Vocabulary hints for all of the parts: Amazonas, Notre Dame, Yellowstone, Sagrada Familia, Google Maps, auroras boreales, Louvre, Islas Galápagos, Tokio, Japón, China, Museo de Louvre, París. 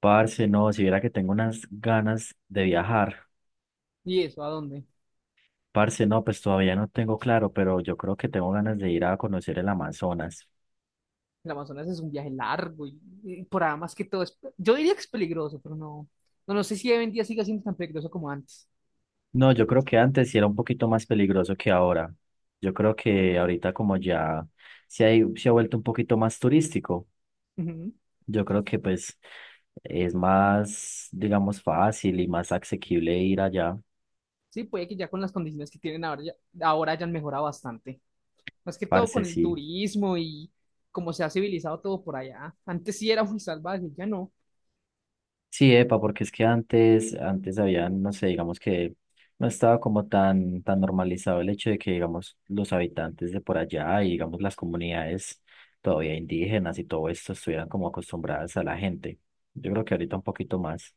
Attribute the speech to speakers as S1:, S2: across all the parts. S1: Parce, no, si viera que tengo unas ganas de viajar.
S2: ¿Y eso a dónde?
S1: Parce, no, pues todavía no tengo claro, pero yo creo que tengo ganas de ir a conocer el Amazonas.
S2: El Amazonas es un viaje largo y por ahí más que todo es, yo diría que es peligroso, pero no sé si hoy en día siga siendo tan peligroso como antes.
S1: No, yo creo que antes sí era un poquito más peligroso que ahora. Yo creo que ahorita como ya se ha vuelto un poquito más turístico,
S2: Ujú.
S1: yo creo que pues es más, digamos, fácil y más asequible ir allá.
S2: Sí, puede que ya con las condiciones que tienen ahora, ya, ahora hayan mejorado bastante. Más que todo
S1: Parce,
S2: con el
S1: sí.
S2: turismo y cómo se ha civilizado todo por allá. Antes sí era muy salvaje, ya no.
S1: Sí, epa, porque es que antes había, no sé, digamos que no estaba como tan normalizado el hecho de que, digamos, los habitantes de por allá y, digamos, las comunidades todavía indígenas y todo esto estuvieran como acostumbradas a la gente. Yo creo que ahorita un poquito más.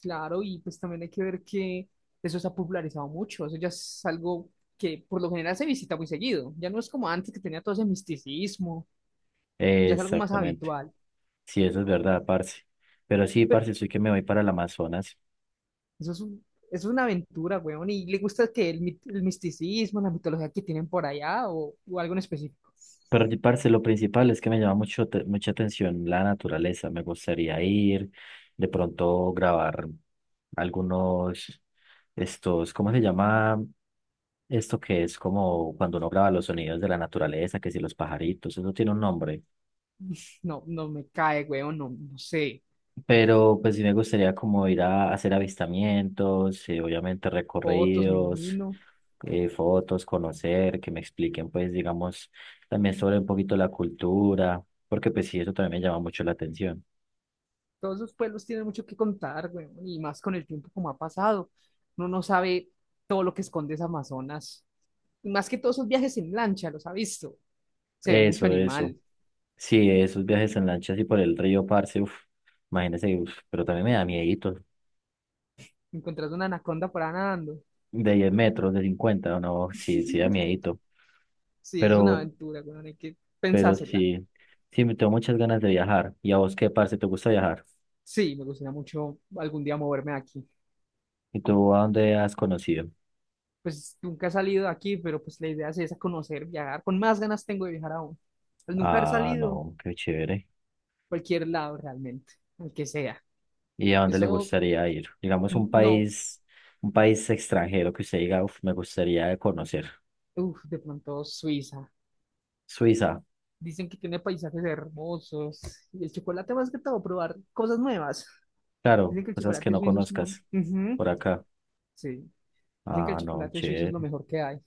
S2: Claro, y pues también hay que ver que eso se ha popularizado mucho. Eso ya es algo que por lo general se visita muy seguido. Ya no es como antes que tenía todo ese misticismo, ya es algo más
S1: Exactamente.
S2: habitual.
S1: Sí, eso es verdad, parce. Pero sí, parce, soy que me voy para el Amazonas.
S2: Eso es un- es una aventura, weón. ¿Y le gusta que el misticismo, la mitología que tienen por allá o algo en específico?
S1: Pero, parce, lo principal es que me llama mucho, te- mucha atención la naturaleza. Me gustaría ir, de pronto grabar algunos, estos, ¿cómo se llama? Esto que es como cuando uno graba los sonidos de la naturaleza, que si los pajaritos, eso tiene un nombre.
S2: No, no me cae, weón. No, no sé.
S1: Pero pues sí me gustaría como ir a hacer avistamientos, obviamente
S2: Fotos, me
S1: recorridos,
S2: imagino.
S1: fotos, conocer, que me expliquen pues digamos también sobre un poquito la cultura, porque pues sí, eso también me llama mucho la atención.
S2: Todos esos pueblos tienen mucho que contar, weón. Y más con el tiempo como ha pasado. Uno no sabe todo lo que esconde ese Amazonas. Y más que todos esos viajes en lancha, los ha visto. Se ve mucho
S1: Eso, eso.
S2: animal.
S1: Sí, esos viajes en lancha así por el río. Parce, uf, imagínese, uf, pero también me da miedito.
S2: Encontrás una anaconda por ahí nadando.
S1: De 10 metros, de 50, no, sí, sí da miedito.
S2: Sí, es una
S1: Pero,
S2: aventura, weón. Hay que
S1: pero
S2: pensársela.
S1: sí, sí, me tengo muchas ganas de viajar. ¿Y a vos qué, parce, te gusta viajar?
S2: Sí, me gustaría mucho algún día moverme de aquí.
S1: ¿Y tú a dónde has conocido?
S2: Pues nunca he salido de aquí, pero pues la idea sí es esa, conocer, viajar. Con más ganas tengo de viajar aún. Al nunca haber
S1: Ah,
S2: salido,
S1: no, qué chévere.
S2: cualquier lado realmente, al que sea.
S1: ¿Y a dónde le
S2: Eso,
S1: gustaría ir? Digamos
S2: n- no,
S1: un país extranjero que usted diga: "Uf, me gustaría conocer".
S2: uff, de pronto Suiza.
S1: Suiza,
S2: Dicen que tiene paisajes hermosos. Y el chocolate más que todo, probar cosas nuevas.
S1: claro,
S2: Dicen que el
S1: cosas que
S2: chocolate
S1: no
S2: suizo es no.
S1: conozcas
S2: Ujú.
S1: por acá.
S2: Sí. Dicen que el
S1: Ah, no,
S2: chocolate suizo es
S1: chévere.
S2: lo mejor que hay.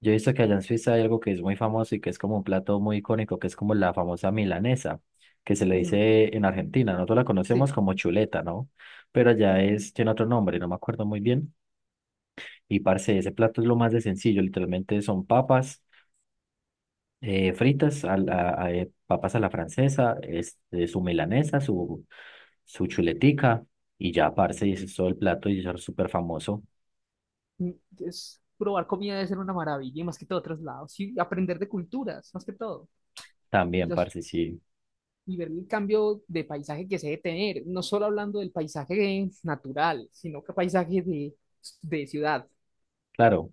S1: Yo he visto que allá en Suiza hay algo que es muy famoso y que es como un plato muy icónico, que es como la famosa milanesa, que se le
S2: Ujú.
S1: dice en Argentina. Nosotros la
S2: Sí.
S1: conocemos como chuleta, ¿no? Pero allá es, tiene otro nombre, no me acuerdo muy bien. Y parce, ese plato es lo más de sencillo, literalmente son papas fritas, papas a la francesa, este, su milanesa, su chuletica y ya, parce, y ese es todo el plato y eso es súper famoso
S2: Mm. Es, probar comida debe ser una maravilla, y más que todo otros lados. Y aprender de culturas, más que todo. Y
S1: también,
S2: los
S1: parce, sí,
S2: y ver el cambio de paisaje que se debe tener, no solo hablando del paisaje natural, sino que paisaje de ciudad,
S1: claro,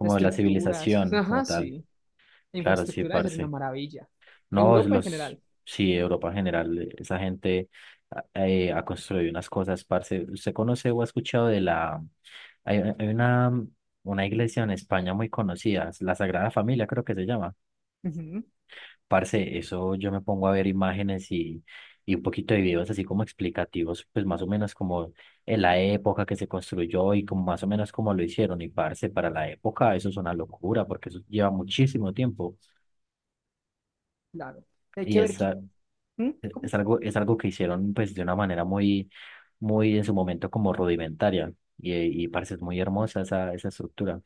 S2: las
S1: de la
S2: estructuras,
S1: civilización como
S2: ajá,
S1: tal,
S2: sí, la
S1: claro, sí,
S2: infraestructura debe ser una
S1: parce.
S2: maravilla.
S1: No, es
S2: Europa en
S1: los,
S2: general,
S1: sí, Europa en general, esa gente ha construido unas cosas, parce. ¿Usted conoce o ha escuchado de la, hay, hay una, una iglesia en España muy conocida, la Sagrada Familia creo que se llama?
S2: ujú,
S1: Parce, eso yo me pongo a ver imágenes y un poquito de videos así como explicativos, pues más o menos como en la época que se construyó y como más o menos como lo hicieron. Y parce, para la época eso es una locura porque eso lleva muchísimo tiempo.
S2: claro. Hay
S1: Y
S2: que ver que,
S1: esa,
S2: ¿mm?
S1: es
S2: ¿Cómo?
S1: algo, es algo que hicieron pues de una manera muy, muy en su momento como rudimentaria y, y parece muy hermosa esa estructura.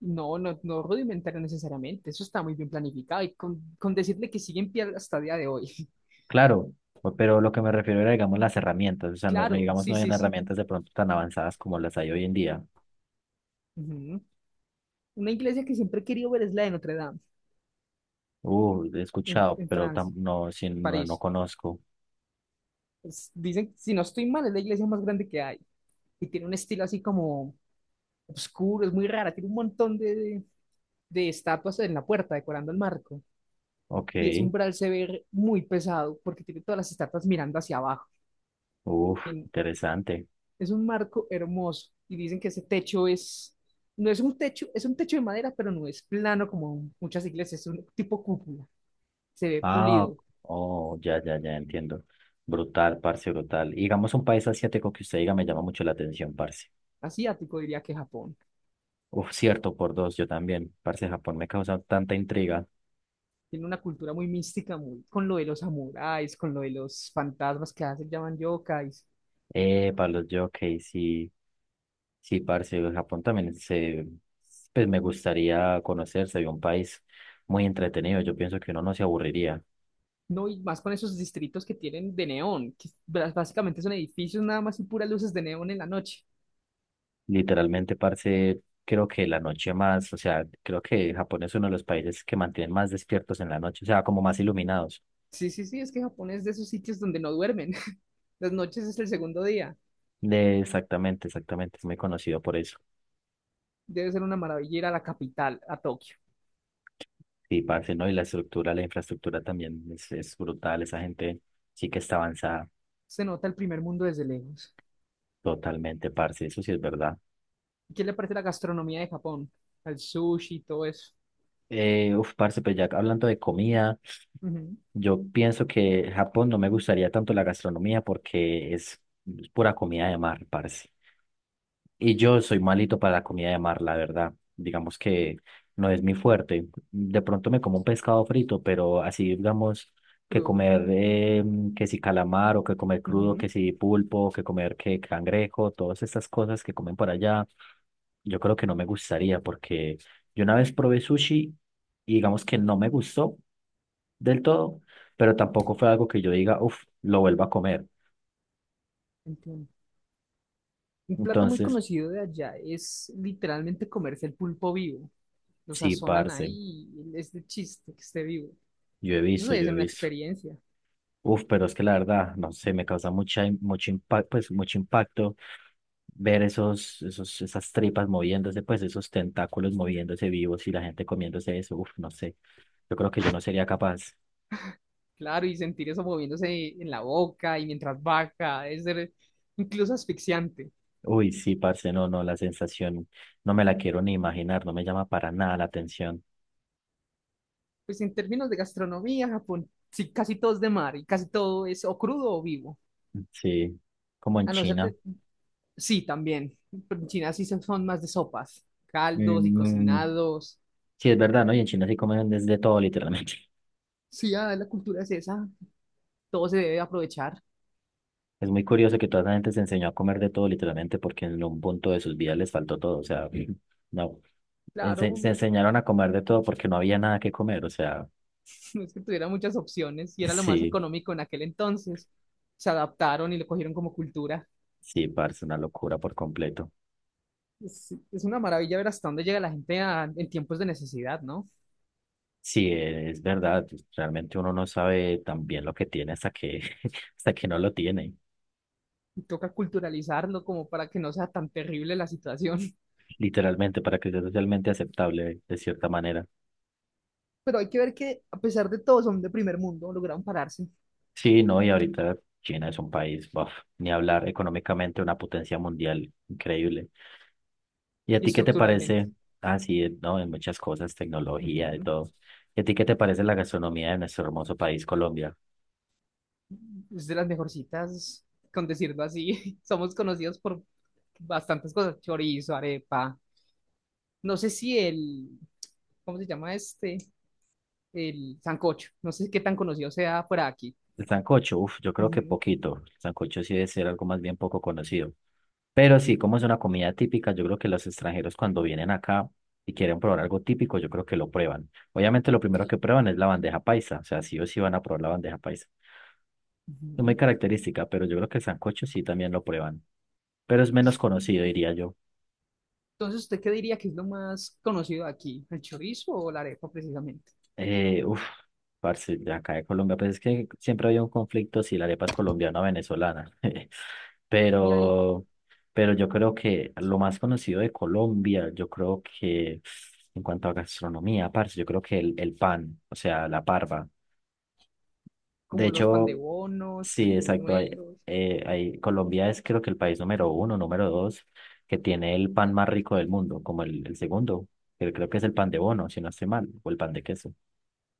S2: No, no, no rudimentario necesariamente, eso está muy bien planificado y con decirle que sigue en pie hasta el día de hoy.
S1: Claro, pero lo que me refiero era, digamos, las herramientas, o sea, no, no,
S2: Claro,
S1: digamos, no
S2: sí,
S1: hay
S2: sí, sí.
S1: herramientas de pronto tan avanzadas como las hay hoy en día.
S2: Ujú. Una iglesia que siempre he querido ver es la de Notre Dame,
S1: He
S2: en,
S1: escuchado,
S2: en
S1: pero
S2: Francia,
S1: no, sí,
S2: en
S1: no, no
S2: París.
S1: conozco.
S2: Dicen, si no estoy mal, es la iglesia más grande que hay. Y tiene un estilo así como oscuro, es muy rara. Tiene un montón de estatuas en la puerta decorando el marco.
S1: Ok,
S2: Y ese umbral se ve muy pesado porque tiene todas las estatuas mirando hacia abajo.
S1: uf,
S2: Tien-
S1: interesante.
S2: es un marco hermoso. Y dicen que ese techo es, no es un techo, es un techo de madera, pero no es plano como muchas iglesias, es un tipo cúpula. Se ve
S1: Ah,
S2: pulido.
S1: oh, ya, ya, ya entiendo. Brutal, parce, brutal. Y digamos, un país asiático que usted diga me llama mucho la atención, parce.
S2: Asiático diría que Japón.
S1: Uf, cierto, por dos, yo también. Parce, Japón me causa tanta intriga.
S2: Tiene una cultura muy mística, muy con lo de los samuráis, con lo de los fantasmas que hacen, llaman yokais.
S1: Para los jockeys, sí, sí, parce, Japón también se, pues me gustaría conocer, sería un país muy entretenido. Yo pienso que uno no se aburriría.
S2: No, y más con esos distritos que tienen de neón, que básicamente son edificios nada más y puras luces de neón en la noche.
S1: Literalmente, parce, creo que la noche más, o sea, creo que Japón es uno de los países que mantienen más despiertos en la noche, o sea, como más iluminados.
S2: Sí, sí, sí, es que Japón es de esos sitios donde no duermen. Las noches es el segundo día.
S1: De, exactamente, exactamente, es muy conocido por eso.
S2: Debe ser una maravilla ir a la capital, a Tokio.
S1: Sí, parce, ¿no? Y la estructura, la infraestructura también es brutal, esa gente sí que está avanzada.
S2: Se nota el primer mundo desde lejos.
S1: Totalmente, parce, eso sí es verdad.
S2: ¿Qué le parece la gastronomía de Japón? El sushi y todo eso.
S1: Uf, parce, pues ya hablando de comida,
S2: Ujú.
S1: yo pienso que Japón no me gustaría tanto la gastronomía porque es pura comida de mar, parce. Y yo soy malito para la comida de mar, la verdad. Digamos que no es mi fuerte. De pronto me como un pescado frito, pero así digamos que
S2: Crudo.
S1: comer que si calamar o que comer crudo,
S2: Ujú.
S1: que si pulpo, que comer que cangrejo, todas estas cosas que comen por allá. Yo creo que no me gustaría porque yo una vez probé sushi y digamos que no me gustó del todo, pero tampoco fue algo que yo diga, uff, lo vuelvo a comer.
S2: Entiendo. Un plato muy
S1: Entonces,
S2: conocido de allá es literalmente comerse el pulpo vivo. Lo
S1: sí,
S2: sazonan
S1: parce,
S2: ahí y es de chiste que esté vivo.
S1: yo he
S2: Eso
S1: visto,
S2: debe
S1: yo
S2: ser
S1: he
S2: una
S1: visto.
S2: experiencia,
S1: Uf, pero es que la verdad, no sé, me causa mucha, mucho impacto, pues mucho impacto ver esas tripas moviéndose, pues esos tentáculos moviéndose vivos y la gente comiéndose eso. Uf, no sé. Yo creo que yo no sería capaz.
S2: claro, y sentir eso moviéndose en la boca y mientras baja, debe ser incluso asfixiante.
S1: Uy, sí, parce, no, no, la sensación no me la quiero ni imaginar, no me llama para nada la atención.
S2: Pues en términos de gastronomía, Japón, sí, casi todo es de mar y casi todo es o crudo o vivo.
S1: Sí, como en
S2: A no ser
S1: China.
S2: de... Sí, también. Pero en China sí son más de sopas, caldos y
S1: Mm, mm,
S2: cocinados.
S1: sí, es verdad, ¿no? Y en China sí comen desde todo, literalmente.
S2: Sí, ah, la cultura es esa, todo se debe aprovechar.
S1: Es muy curioso que toda esa gente se enseñó a comer de todo, literalmente, porque en un punto de sus vidas les faltó todo. O sea, no,
S2: Claro.
S1: se enseñaron a comer de todo porque no había nada que comer. O sea,
S2: No es que tuviera muchas opciones y era lo más
S1: sí,
S2: económico en aquel entonces. Se adaptaron y lo cogieron como cultura.
S1: sí, parce, una locura por completo.
S2: Es una maravilla ver hasta dónde llega la gente en tiempos de necesidad, ¿no?
S1: Sí, es verdad, realmente uno no sabe tan bien lo que tiene hasta que, hasta que no lo tiene,
S2: Y toca culturalizarlo como para que no sea tan terrible la situación.
S1: literalmente, para que sea socialmente aceptable de cierta manera.
S2: Pero hay que ver que a pesar de todo son de primer mundo, lograron pararse
S1: Sí, no, y ahorita China es un país, buf, ni hablar económicamente, una potencia mundial increíble. ¿Y a
S2: y
S1: ti qué te
S2: estructuralmente.
S1: parece? Ah, sí, no, en muchas cosas, tecnología, de
S2: Ujú.
S1: todo. ¿Y a ti qué te parece la gastronomía de nuestro hermoso país, Colombia?
S2: Es de las mejorcitas, con decirlo así. Somos conocidos por bastantes cosas, chorizo, arepa. No sé si el, ¿cómo se llama este? El sancocho. No sé qué tan conocido sea fuera de aquí.
S1: El sancocho, uf, yo creo que
S2: Ujú,
S1: poquito. El sancocho sí debe ser algo más bien poco conocido. Pero sí, como es una comida típica, yo creo que los extranjeros cuando vienen acá y quieren probar algo típico, yo creo que lo prueban. Obviamente lo primero que prueban es la bandeja paisa, o sea, sí o sí van a probar la bandeja paisa. Es muy
S2: ujú.
S1: característica, pero yo creo que el sancocho sí también lo prueban, pero es menos
S2: Entonces,
S1: conocido, diría yo.
S2: entonces, ¿usted qué diría que es lo más conocido de aquí? ¿El chorizo o la arepa precisamente?
S1: Uf, parce, de acá de Colombia, pues es que siempre había un conflicto si la arepa es colombiana o venezolana.
S2: Y hay
S1: Pero, pero yo creo que lo más conocido de Colombia, yo creo que en cuanto a gastronomía, parce, yo creo que el pan, o sea, la parva. De
S2: como los
S1: hecho,
S2: pandebonos
S1: sí,
S2: y
S1: exacto. Hay,
S2: buñuelos.
S1: Colombia es creo que el país número uno, número dos, que tiene el pan más rico del mundo, como el segundo, que creo que es el pan de bono, si no estoy mal, o el pan de queso.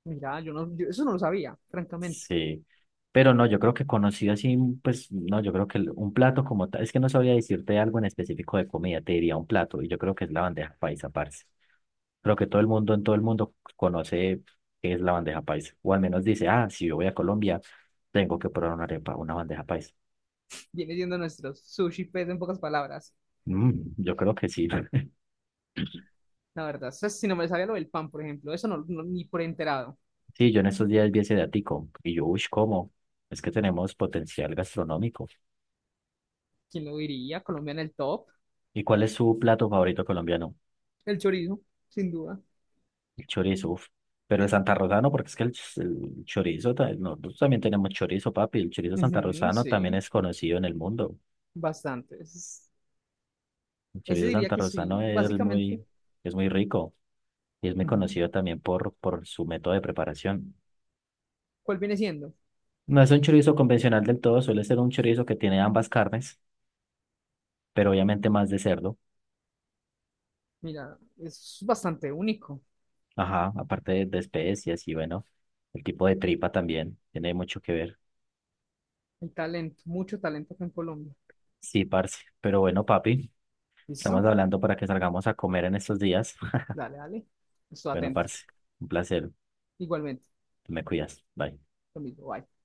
S2: Mira, yo no, yo eso no lo sabía, francamente.
S1: Sí, pero no, yo creo que conocido así, mm, pues no, yo creo que un plato como tal, es que no sabría decirte algo en específico de comida, te diría un plato, y yo creo que es la bandeja paisa, parce. Creo que todo el mundo en todo el mundo conoce qué es la bandeja paisa, o al menos dice, ah, si yo voy a Colombia, tengo que probar una arepa, una bandeja paisa.
S2: Viene siendo nuestros sushi pues en pocas palabras.
S1: Mm, yo creo que sí.
S2: La verdad, eso si no me sabía lo del pan, por ejemplo, eso ni por enterado.
S1: Sí, yo en estos días vi ese datico, y yo, uy, ¿cómo? Es que tenemos potencial gastronómico.
S2: ¿Quién lo diría? Colombia en el top.
S1: ¿Y cuál es su plato favorito colombiano?
S2: El chorizo, sin duda.
S1: El chorizo, uf. Pero el santarrosano, porque es que el chorizo, nosotros también tenemos chorizo, papi. El chorizo
S2: Ujú,
S1: santarrosano también
S2: sí,
S1: es conocido en el mundo.
S2: bastante.
S1: El
S2: Ese
S1: chorizo
S2: diría que
S1: santarrosano
S2: sí, básicamente.
S1: es muy rico y es muy
S2: Ujú.
S1: conocido también por su método de preparación.
S2: ¿Cuál viene siendo?
S1: No es un chorizo convencional del todo, suele ser un chorizo que tiene ambas carnes, pero obviamente más de cerdo.
S2: Mira, es bastante único.
S1: Ajá, aparte de especias y bueno, el tipo de tripa también tiene mucho que ver.
S2: Hay talento, mucho talento acá en Colombia.
S1: Sí, parce. Pero bueno, papi, estamos
S2: ¿Listo?
S1: hablando para que salgamos a comer en estos días.
S2: Dale, dale. Estoy
S1: Bueno,
S2: atento.
S1: parce, un placer.
S2: Igualmente,
S1: Me cuidas. Bye.
S2: lo mismo. Bye.